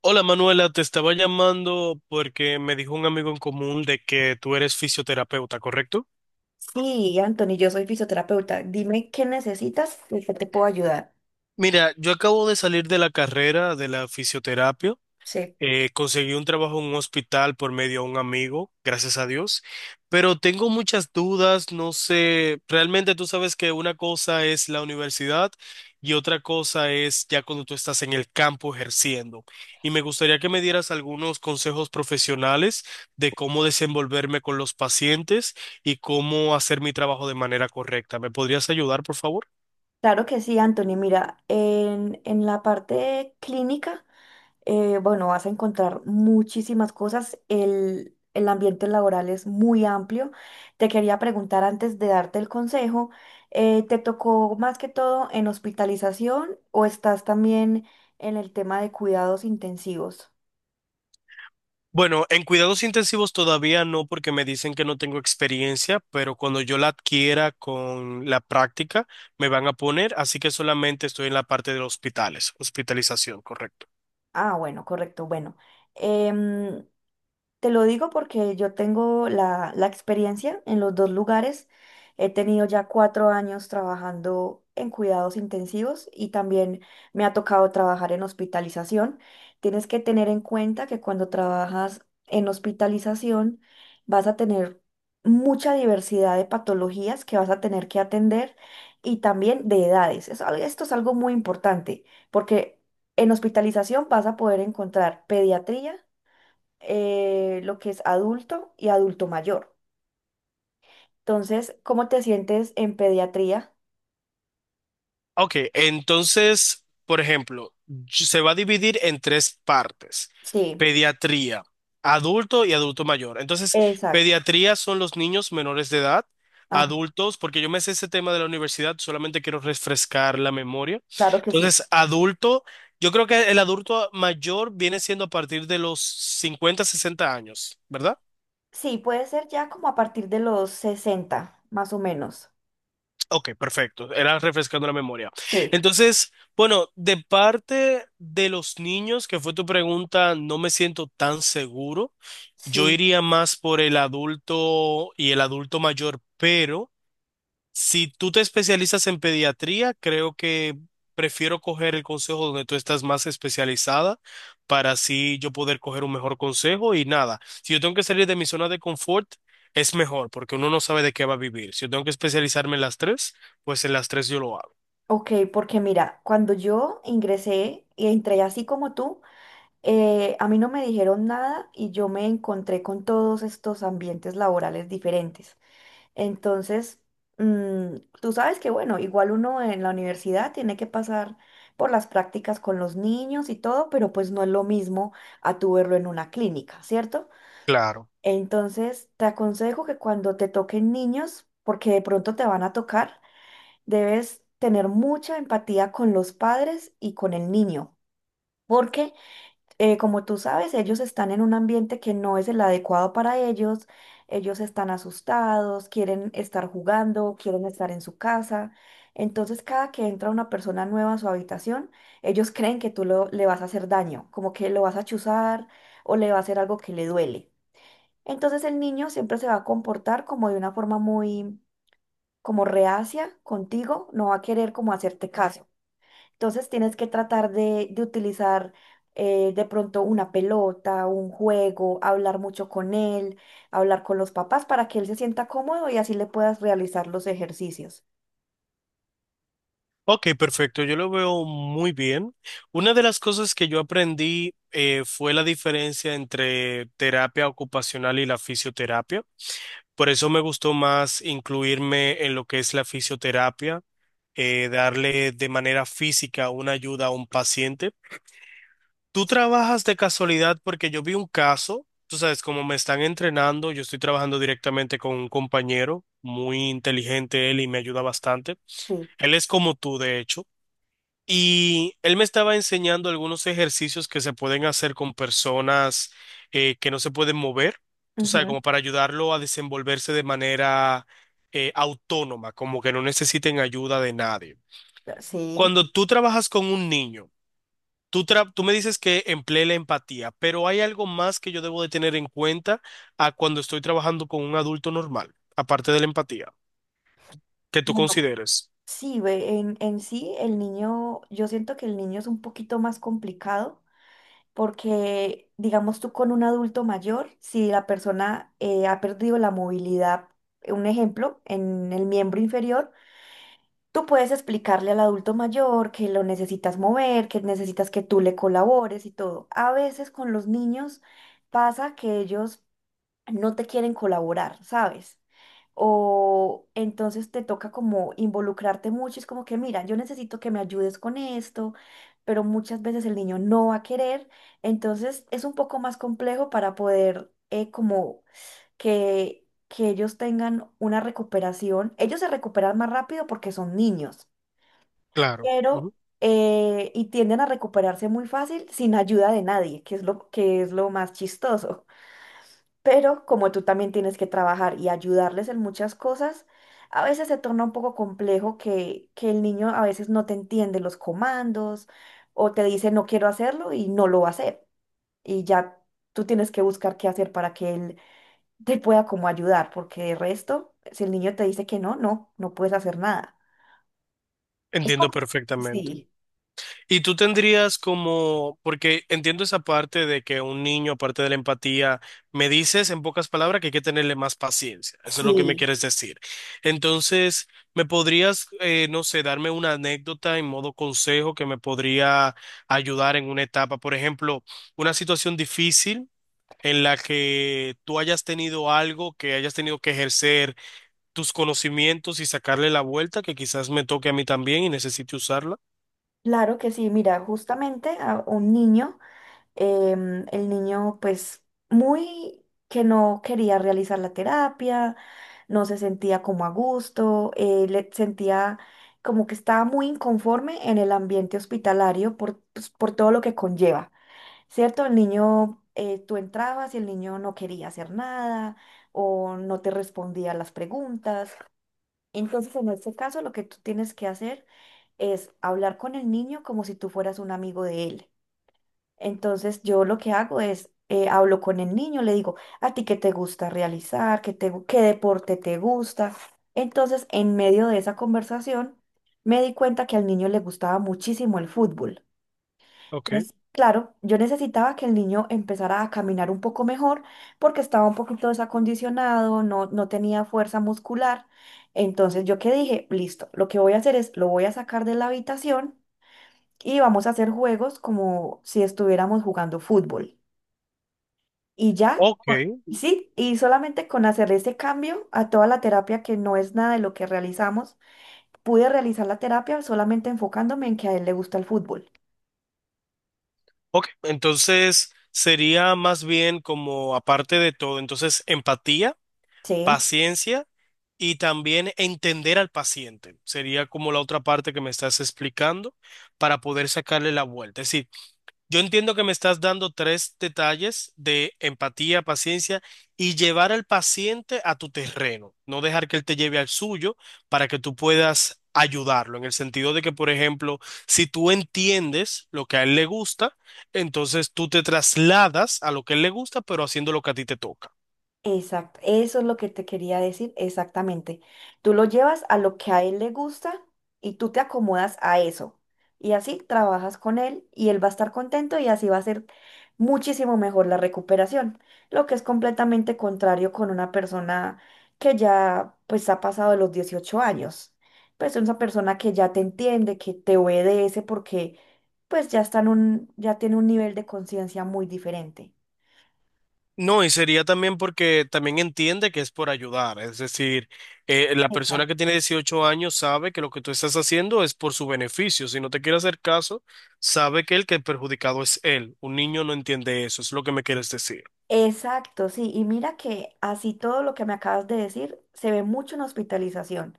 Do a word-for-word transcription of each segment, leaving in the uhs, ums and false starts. Hola Manuela, te estaba llamando porque me dijo un amigo en común de que tú eres fisioterapeuta, ¿correcto? Sí, Anthony, yo soy fisioterapeuta. Dime qué necesitas y qué te puedo ayudar. Mira, yo acabo de salir de la carrera de la fisioterapia. Sí. Eh, conseguí un trabajo en un hospital por medio de un amigo, gracias a Dios, pero tengo muchas dudas, no sé, realmente tú sabes que una cosa es la universidad y otra cosa es ya cuando tú estás en el campo ejerciendo. Y me gustaría que me dieras algunos consejos profesionales de cómo desenvolverme con los pacientes y cómo hacer mi trabajo de manera correcta. ¿Me podrías ayudar, por favor? Claro que sí, Anthony. Mira, en, en la parte clínica, eh, bueno, vas a encontrar muchísimas cosas. El, el ambiente laboral es muy amplio. Te quería preguntar antes de darte el consejo, eh, ¿te tocó más que todo en hospitalización o estás también en el tema de cuidados intensivos? Bueno, en cuidados intensivos todavía no, porque me dicen que no tengo experiencia, pero cuando yo la adquiera con la práctica, me van a poner, así que solamente estoy en la parte de los hospitales, hospitalización, correcto. Ah, bueno, correcto. Bueno. em, Te lo digo porque yo tengo la, la experiencia en los dos lugares. He tenido ya cuatro años trabajando en cuidados intensivos y también me ha tocado trabajar en hospitalización. Tienes que tener en cuenta que cuando trabajas en hospitalización vas a tener mucha diversidad de patologías que vas a tener que atender y también de edades. Es al- esto es algo muy importante porque en hospitalización vas a poder encontrar pediatría, eh, lo que es adulto y adulto mayor. Entonces, ¿cómo te sientes en pediatría? Ok, entonces, por ejemplo, y- se va a dividir en tres partes. Sí, Pediatría, adulto y adulto mayor. Entonces, exacto. pediatría son los niños menores de edad, Ajá, adultos, porque yo me sé ese tema de la universidad, solamente quiero refrescar la memoria. claro que sí. Entonces, adulto, yo creo que el adulto mayor viene siendo a partir de los cincuenta, sesenta años, ¿verdad? Sí, puede ser ya como a partir de los sesenta, más o menos. Ok, perfecto. Era refrescando la memoria. Sí, Entonces, bueno, de parte de los niños, que fue tu pregunta, no me siento tan seguro. Yo sí. iría más por el adulto y el adulto mayor, pero... Si tú te especializas en pediatría, creo que prefiero coger el consejo donde tú estás más especializada para así yo poder coger un mejor consejo y nada. Si yo tengo que salir de mi zona de confort, es mejor porque uno no sabe de qué va a vivir. Si yo tengo que especializarme en las tres, pues en las tres yo lo hago. Ok, porque mira, cuando yo ingresé y entré así como tú, eh, a mí no me dijeron nada y yo me encontré con todos estos ambientes laborales diferentes. Entonces, mm, tú sabes que, bueno, igual uno en la universidad tiene que pasar por las prácticas con los niños y todo, pero pues no es lo mismo a tu verlo en una clínica, ¿cierto? Claro. Entonces, te aconsejo que cuando te toquen niños, porque de pronto te van a tocar, debes tener mucha empatía con los padres y con el niño, porque eh, como tú sabes, ellos están en un ambiente que no es el adecuado para ellos, ellos están asustados, quieren estar jugando, quieren estar en su casa. Entonces, cada que entra una persona nueva a su habitación, ellos creen que tú lo- le vas a hacer daño, como que lo vas a chuzar o le va a hacer algo que le duele. Entonces, el niño siempre se va a comportar como de una forma muy, como reacia contigo, no va a querer como hacerte caso. Entonces tienes que tratar de, de utilizar, eh, de pronto una pelota, un juego, hablar mucho con él, hablar con los papás para que él se sienta cómodo y así le puedas realizar los ejercicios. Ok, perfecto. Yo lo veo muy bien. Una de las cosas que yo aprendí eh, fue la diferencia entre terapia ocupacional y la fisioterapia. Por eso me gustó más incluirme en lo que es la fisioterapia, eh, darle de manera física una ayuda a un paciente. Tú trabajas de casualidad porque yo vi un caso, tú sabes, como me están entrenando, yo estoy trabajando directamente con un compañero muy inteligente él y me ayuda bastante. Sí. Él es como tú, de hecho. Y él me estaba enseñando algunos ejercicios que se pueden hacer con personas eh, que no se pueden mover, tú sabes, Ujú. como para ayudarlo a desenvolverse de manera eh, autónoma, como que no necesiten ayuda de nadie. Sí. Cuando tú trabajas con un niño, tú, tra- tú me dices que emplee la empatía, pero hay algo más que yo debo de tener en cuenta a cuando estoy trabajando con un adulto normal, aparte de la empatía, que tú Bueno, consideres. sí, ve, en, en sí el niño, yo siento que el niño es un poquito más complicado porque, digamos tú con un adulto mayor, si la persona, eh, ha perdido la movilidad, un ejemplo, en el miembro inferior. Tú puedes explicarle al adulto mayor que lo necesitas mover, que necesitas que tú le colabores y todo. A veces con los niños pasa que ellos no te quieren colaborar, ¿sabes? O entonces te toca como involucrarte mucho, es como que, mira, yo necesito que me ayudes con esto, pero muchas veces el niño no va a querer, entonces es un poco más complejo para poder, eh, como que, que ellos tengan una recuperación. Ellos se recuperan más rápido porque son niños, Claro. Ujú. pero eh, y tienden a recuperarse muy fácil sin ayuda de nadie, que es lo, que es lo más chistoso. Pero como tú también tienes que trabajar y ayudarles en muchas cosas, a veces se torna un poco complejo que, que el niño a veces no te entiende los comandos o te dice no quiero hacerlo y no lo va a hacer. Y ya tú tienes que buscar qué hacer para que él te pueda como ayudar, porque de resto, si el niño te dice que no, no, no puedes hacer nada. Es Entiendo como... perfectamente. Sí, Y tú tendrías como, porque entiendo esa parte de que un niño, aparte de la empatía, me dices en pocas palabras que hay que tenerle más paciencia. Eso es lo que me sí. quieres decir. Entonces, ¿me podrías, eh, no sé, darme una anécdota en modo consejo que me podría ayudar en una etapa? Por ejemplo, una situación difícil en la que tú hayas tenido algo, que hayas tenido que ejercer tus conocimientos y sacarle la vuelta, que quizás me toque a mí también y necesite usarla. Claro que sí, mira, justamente a un niño, em, el niño pues muy que no quería realizar la terapia, no se sentía como a gusto, eh, le sentía como que estaba muy inconforme en el ambiente hospitalario por, pues, por todo lo que conlleva, ¿cierto? El niño, eh, tú entrabas y el niño no quería hacer nada o no te respondía a las preguntas. Entonces, en este caso, lo que tú tienes que hacer es hablar con el niño como si tú fueras un amigo de él. Entonces, yo lo que hago es, eh, hablo con el niño, le digo, ¿a ti qué te gusta realizar? ¿Qué te, gu- ¿qué deporte te gusta? Entonces, en medio de esa conversación, me di cuenta que al niño le gustaba muchísimo el fútbol. Ok. Entonces, claro, yo necesitaba que el niño empezara a caminar un poco mejor porque estaba un poquito desacondicionado, no, no tenía fuerza muscular. Entonces, yo que dije, listo, lo que voy a hacer es, lo voy a sacar de la habitación y vamos a hacer juegos como si estuviéramos jugando fútbol. Y ya, Ok. con- sí, y solamente con hacer ese cambio a toda la terapia que no es nada de lo que realizamos, pude realizar la terapia solamente enfocándome en que a él le gusta el fútbol. Ok, entonces sería más bien como aparte de todo, entonces empatía, Sí. paciencia y también entender al paciente. Sería como la otra parte que me estás explicando para poder sacarle la vuelta. Es decir, yo entiendo que me estás dando tres detalles de empatía, paciencia y llevar al paciente a tu terreno, no dejar que él te lleve al suyo para que tú puedas ayudarlo, en el sentido de que, por ejemplo, si tú entiendes lo que a él le gusta, entonces tú te trasladas a lo que a él le gusta, pero haciendo lo que a ti te toca. Exacto, eso es lo que te quería decir exactamente. Tú lo llevas a lo que a él le gusta y tú te acomodas a eso. Y así trabajas con él y él va a estar contento y así va a ser muchísimo mejor la recuperación, lo que es completamente contrario con una persona que ya pues ha pasado de los dieciocho años. Pues es una persona que ya te entiende, que te obedece porque pues ya está en un, ya tiene un nivel de conciencia muy diferente. No, y sería también porque también entiende que es por ayudar, es decir, eh, la persona que Exacto. tiene dieciocho años sabe que lo que tú estás haciendo es por su beneficio, si no te quiere hacer caso, sabe que el que el perjudicado es él, un niño no entiende eso, es lo que me quieres decir. Exacto, sí, y mira que así todo lo que me acabas de decir se ve mucho en hospitalización.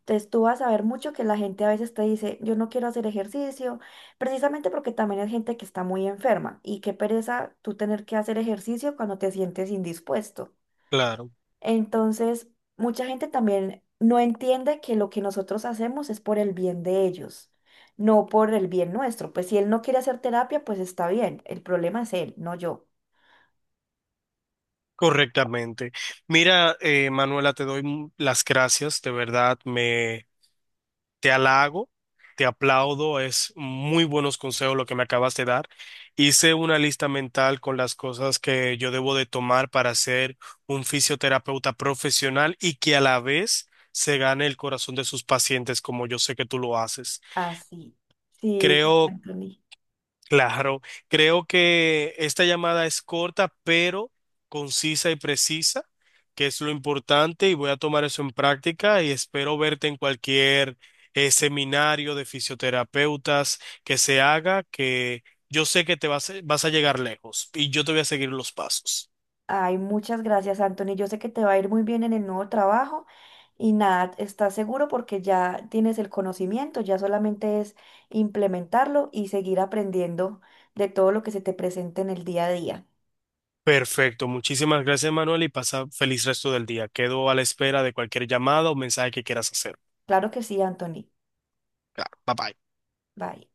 Entonces tú vas a ver mucho que la gente a veces te dice, yo no quiero hacer ejercicio, precisamente porque también hay gente que está muy enferma y qué pereza tú tener que hacer ejercicio cuando te sientes indispuesto. Claro, Entonces, mucha gente también no entiende que lo que nosotros hacemos es por el bien de ellos, no por el bien nuestro. Pues si él no quiere hacer terapia, pues está bien, el problema es él, no yo. correctamente. Mira, eh, Manuela, te doy m- las gracias, de verdad. Te halago, te aplaudo, es muy buenos consejos lo que me acabas de dar. Hice una lista mental con las cosas que yo debo de tomar para ser un fisioterapeuta profesional y que a la vez se gane el corazón de sus pacientes como yo sé que tú lo haces. Así. Sí, sí, Creo Anthony. Claro, creo que esta llamada es corta, pero concisa y precisa, que es lo importante, y voy a tomar eso en práctica y espero verte en cualquier eh, seminario de fisioterapeutas que se haga, que yo sé que te vas, vas a llegar lejos y yo te voy a seguir los pasos. Ay, muchas gracias, Anthony. Yo sé que te va a ir muy bien en el nuevo trabajo y nada, estás seguro porque ya tienes el conocimiento, ya solamente es implementarlo y seguir aprendiendo de todo lo que se te presente en el día a día. Perfecto, muchísimas gracias, Manuel, y pasa feliz resto del día. Quedo a la espera de cualquier llamada o mensaje que quieras hacer. Claro que sí, Anthony. Claro, bye bye. Bye.